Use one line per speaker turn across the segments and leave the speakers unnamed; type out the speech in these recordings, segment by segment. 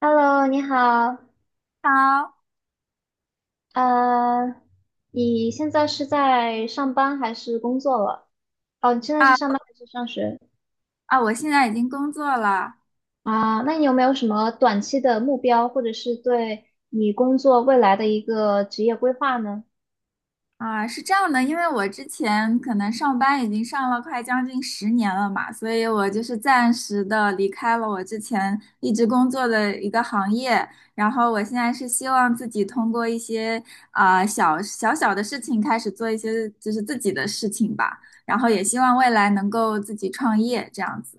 Hello，你好，
好。
呃，你现在是在上班还是工作了？哦，你现在是
啊
上班还是上学？
啊！我现在已经工作了。
啊，那你有没有什么短期的目标，或者是对你工作未来的一个职业规划呢？
啊，是这样的，因为我之前可能上班已经上了快将近十年了嘛，所以我就是暂时的离开了我之前一直工作的一个行业，然后我现在是希望自己通过一些小小的事情开始做一些就是自己的事情吧，然后也希望未来能够自己创业这样子。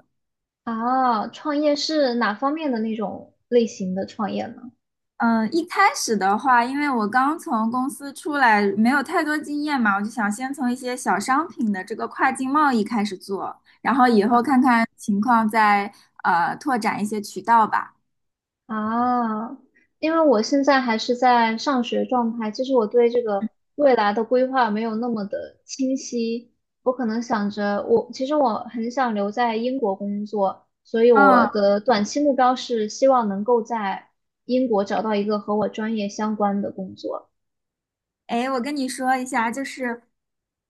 啊，创业是哪方面的那种类型的创业呢？
嗯，一开始的话，因为我刚从公司出来，没有太多经验嘛，我就想先从一些小商品的这个跨境贸易开始做，然后以后看看情况再拓展一些渠道吧。
啊，因为我现在还是在上学状态，就是我对这个未来的规划没有那么的清晰。我可能想着我，其实我很想留在英国工作，所以我
嗯。
的短期目标是希望能够在英国找到一个和我专业相关的工作。
哎，我跟你说一下，就是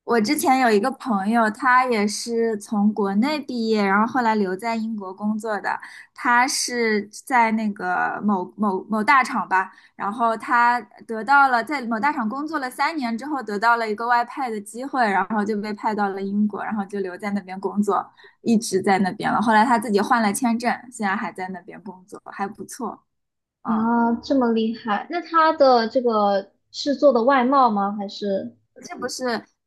我之前有一个朋友，他也是从国内毕业，然后后来留在英国工作的。他是在那个某某某大厂吧，然后他得到了在某大厂工作了三年之后，得到了一个外派的机会，然后就被派到了英国，然后就留在那边工作，一直在那边了。后来他自己换了签证，现在还在那边工作，还不错。嗯。
啊，这么厉害！那他的这个是做的外贸吗？还是
这不是？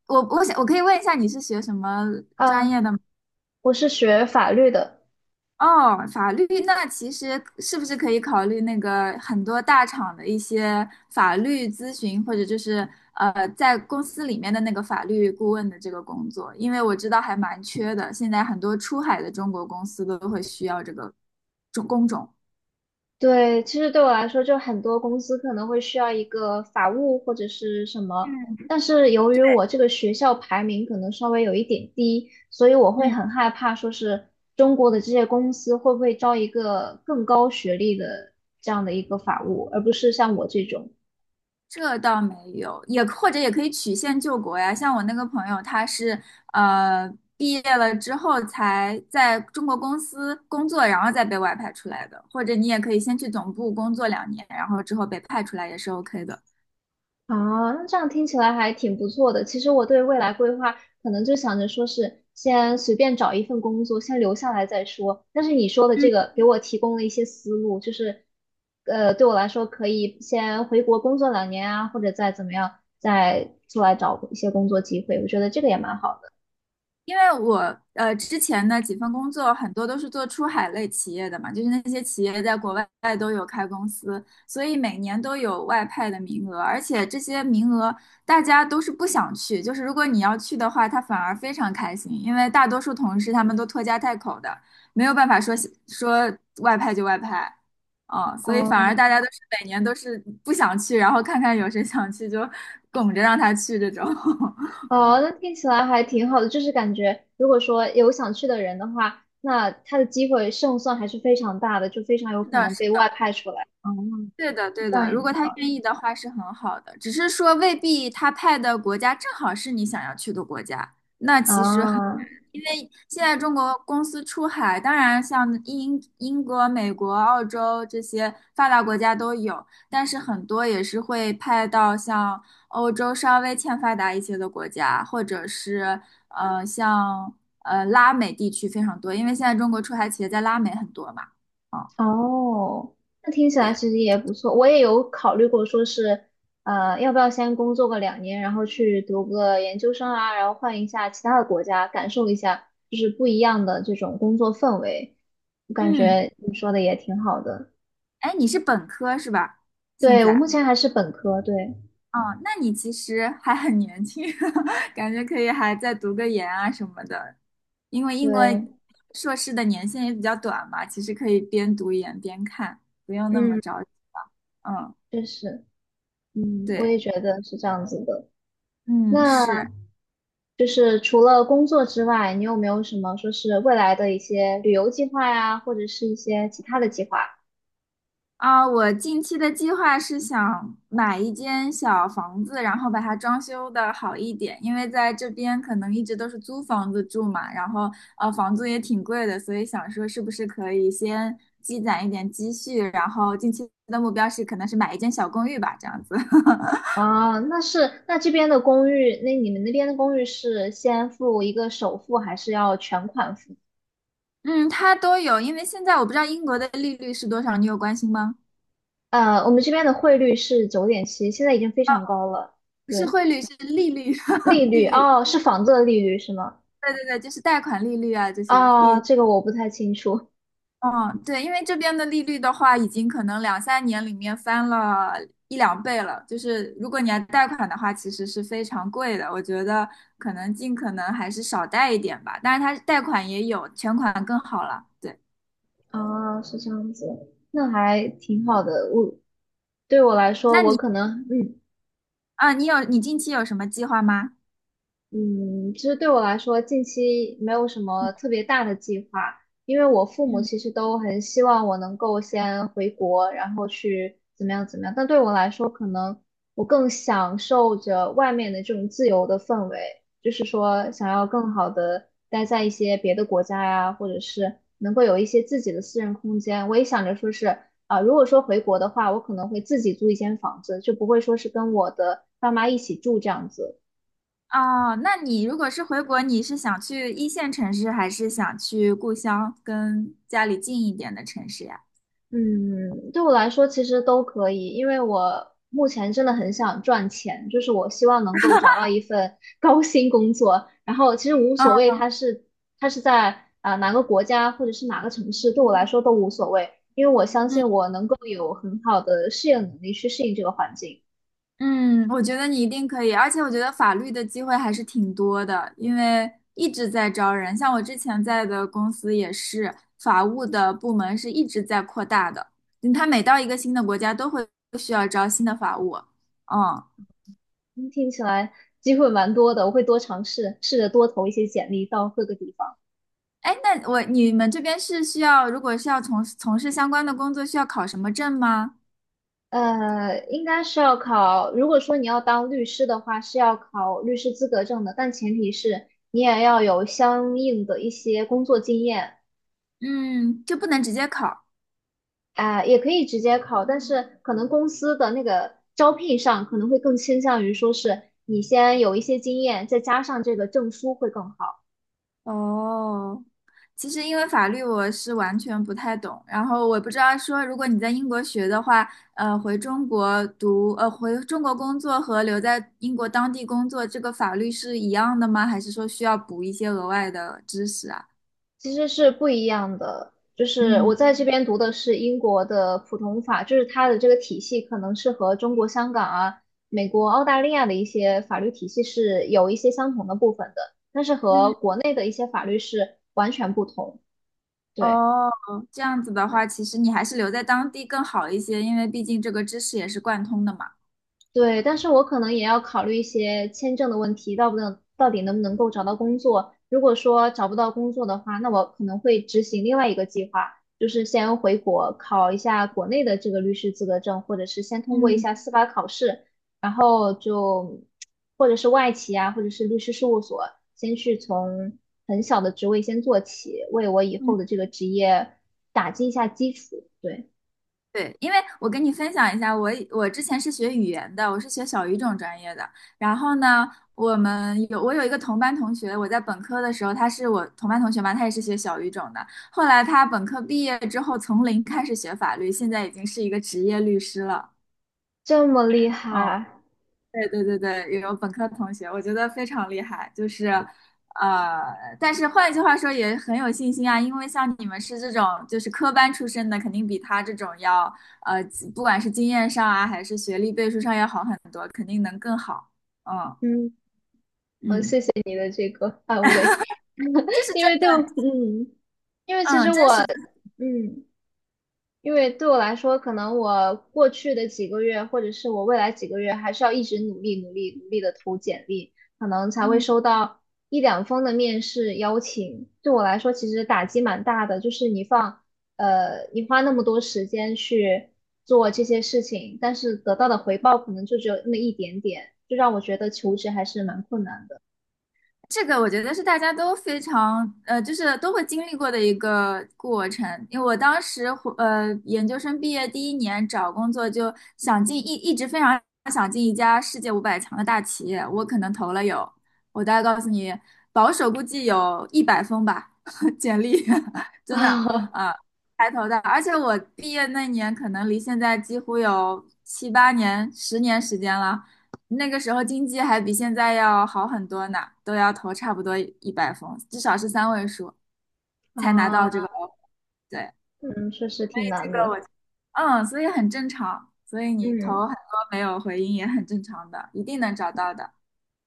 我想我可以问一下，你是学什么专
啊，
业的吗？
我是学法律的。
哦，法律，那其实是不是可以考虑那个很多大厂的一些法律咨询，或者就是在公司里面的那个法律顾问的这个工作？因为我知道还蛮缺的，现在很多出海的中国公司都会需要这个种工种。
对，其实对我来说，就很多公司可能会需要一个法务或者是什么，
嗯。
但是由于我这个学校排名可能稍微有一点低，所以我会
嗯。
很害怕，说是中国的这些公司会不会招一个更高学历的这样的一个法务，而不是像我这种。
这倒没有，也或者也可以曲线救国呀。像我那个朋友，他是毕业了之后才在中国公司工作，然后再被外派出来的。或者你也可以先去总部工作2年，然后之后被派出来也是 OK 的。
啊，那这样听起来还挺不错的。其实我对未来规划可能就想着说是先随便找一份工作，先留下来再说。但是你说的这个给我提供了一些思路，就是对我来说可以先回国工作两年啊，或者再怎么样，再出来找一些工作机会。我觉得这个也蛮好的。
因为我之前呢几份工作很多都是做出海类企业的嘛，就是那些企业在国外都有开公司，所以每年都有外派的名额，而且这些名额大家都是不想去，就是如果你要去的话，他反而非常开心，因为大多数同事他们都拖家带口的，没有办法说外派就外派，哦，所以反
哦，
而大家都是每年都是不想去，然后看看有谁想去就拱着让他去这种，
哦，
嗯、
那听起来还挺好的，就是感觉如果说有想去的人的话，那他的机会胜算还是非常大的，就非常有
是
可
的，
能
是
被外
的。
派出来。嗯。
对的，对
这样
的，
也
如
蛮
果他
好
愿意的话是很好的，只是说未必他派的国家正好是你想要去的国家。那
的
其实很，
啊。
因为现在中国公司出海，当然像英国、美国、澳洲这些发达国家都有，但是很多也是会派到像欧洲稍微欠发达一些的国家，或者是像拉美地区非常多，因为现在中国出海企业在拉美很多嘛。啊，
哦，那听起来
对，
其实也不错。我也有考虑过，说是要不要先工作个两年，然后去读个研究生啊，然后换一下其他的国家，感受一下就是不一样的这种工作氛围。我感
嗯。
觉你说的也挺好的。
哎，你是本科是吧？现
对，我目
在，
前还是本科，对
哦，那你其实还很年轻，感觉可以还再读个研啊什么的，因为英国
对，
硕士的年限也比较短嘛，其实可以边读研边看，不用那么
嗯，
着急了。嗯，
确实，嗯，我
对，
也觉得是这样子的。
嗯，
那。
是。
就是除了工作之外，你有没有什么说是未来的一些旅游计划呀，或者是一些其他的计划？
啊，我近期的计划是想买一间小房子，然后把它装修的好一点，因为在这边可能一直都是租房子住嘛，然后房租也挺贵的，所以想说是不是可以先积攒一点积蓄，然后近期的目标是可能是买一间小公寓吧，这样子。
啊，那是，那这边的公寓，那你们那边的公寓是先付一个首付，还是要全款付？
嗯，它都有，因为现在我不知道英国的利率是多少，你有关心吗？
我们这边的汇率是9.7，现在已经非常高了。
不是
对，
汇率，是利率，
利
利
率，
率。
哦，是房子的利率是吗？
对对对，就是贷款利率啊，这些利
啊，
率。
这个我不太清楚。
嗯，对，因为这边的利率的话，已经可能两三年里面翻了一两倍了。就是如果你要贷款的话，其实是非常贵的。我觉得可能尽可能还是少贷一点吧。但是它贷款也有，全款更好了。对，
啊，是这样子，那还挺好的。我对我来说，
那
我
你
可能，嗯。
啊，你有你近期有什么计划吗？
嗯，其实对我来说，近期没有什么特别大的计划，因为我父母
嗯，
其实都很希望我能够先回国，然后去怎么样怎么样。但对我来说，可能我更享受着外面的这种自由的氛围，就是说想要更好的待在一些别的国家呀，或者是能够有一些自己的私人空间。我也想着说是啊，如果说回国的话，我可能会自己租一间房子，就不会说是跟我的爸妈一起住这样子。
哦，那你如果是回国，你是想去一线城市，还是想去故乡跟家里近一点的城市呀？
嗯，对我来说其实都可以，因为我目前真的很想赚钱，就是我希望能够找到一份 高薪工作，然后其实无所
嗯。
谓它是它是在哪个国家或者是哪个城市，对我来说都无所谓，因为我相信我能够有很好的适应能力去适应这个环境。
嗯，我觉得你一定可以，而且我觉得法律的机会还是挺多的，因为一直在招人，像我之前在的公司也是，法务的部门是一直在扩大的，嗯它每到一个新的国家都会需要招新的法务。嗯，
嗯听起来机会蛮多的，我会多尝试，试着多投一些简历到各个地方。
哎，那我你们这边是需要，如果是要从从事相关的工作，需要考什么证吗？
应该是要考。如果说你要当律师的话，是要考律师资格证的，但前提是你也要有相应的一些工作经验。
嗯，就不能直接考。
啊、也可以直接考，但是可能公司的那个招聘上可能会更倾向于说是你先有一些经验，再加上这个证书会更好。
哦，其实因为法律我是完全不太懂，然后我不知道说如果你在英国学的话，回中国读，回中国工作和留在英国当地工作，这个法律是一样的吗？还是说需要补一些额外的知识啊？
其实是不一样的，就是
嗯。
我在这边读的是英国的普通法，就是它的这个体系可能是和中国香港啊、美国、澳大利亚的一些法律体系是有一些相同的部分的，但是和
嗯。
国内的一些法律是完全不同。对。
哦，这样子的话，其实你还是留在当地更好一些，因为毕竟这个知识也是贯通的嘛。
对，但是我可能也要考虑一些签证的问题，到不能到底能不能够找到工作。如果说找不到工作的话，那我可能会执行另外一个计划，就是先回国考一下国内的这个律师资格证，或者是先通过一
嗯。
下司法考试，然后就或者是外企啊，或者是律师事务所，先去从很小的职位先做起，为我以后
嗯，
的这个职业打击一下基础。对，
对，因为我跟你分享一下，我之前是学语言的，我是学小语种专业的。然后呢，我们有我有一个同班同学，我在本科的时候，他是我同班同学嘛，他也是学小语种的。后来他本科毕业之后，从零开始学法律，现在已经是一个职业律师了。
这么厉
嗯。
害，
对对对对，有本科同学，我觉得非常厉害，就是，呃，但是换一句话说，也很有信心啊，因为像你们是这种就是科班出身的，肯定比他这种要，呃，不管是经验上啊，还是学历背书上要好很多，肯定能更好。嗯。
嗯，
嗯，
安慰。
这是
因
真，
为对我，嗯，因为其实
嗯，真
我
实的。
嗯，因为对我来说，可能我过去的几个月，或者是我未来几个月，还是要一直努力、努力、努力的投简历，可能才会
嗯。
收到1-2封的面试邀请。对我来说，其实打击蛮大的，就是你放你花那么多时间去做这些事情，但是得到的回报可能就只有那么一点点，就让我觉得求职还是蛮困难的
这个我觉得是大家都非常就是都会经历过的一个过程。因为我当时回研究生毕业第一年找工作，就想进一一直非常想进一家世界500强的大企业。我可能投了有，我大概告诉你，保守估计有一百封吧，简历，真的
啊
啊，才投的。而且我毕业那年可能离现在几乎有七八年、十年时间了。那个时候经济还比现在要好很多呢，都要投差不多一百封，至少是三位数才拿到这个
啊，
offer。对，
嗯，确实挺
这
难
个
的。
我，嗯，所以很正常，所以你
嗯，
投很多没有回音也很正常的，一定能找到的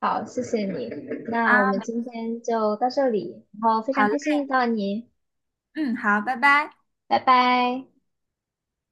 好，谢谢你。那
啊。
我们
没
今天就到这里，然后非常
好嘞，
开心遇到你，
嗯，好，拜拜。
拜拜。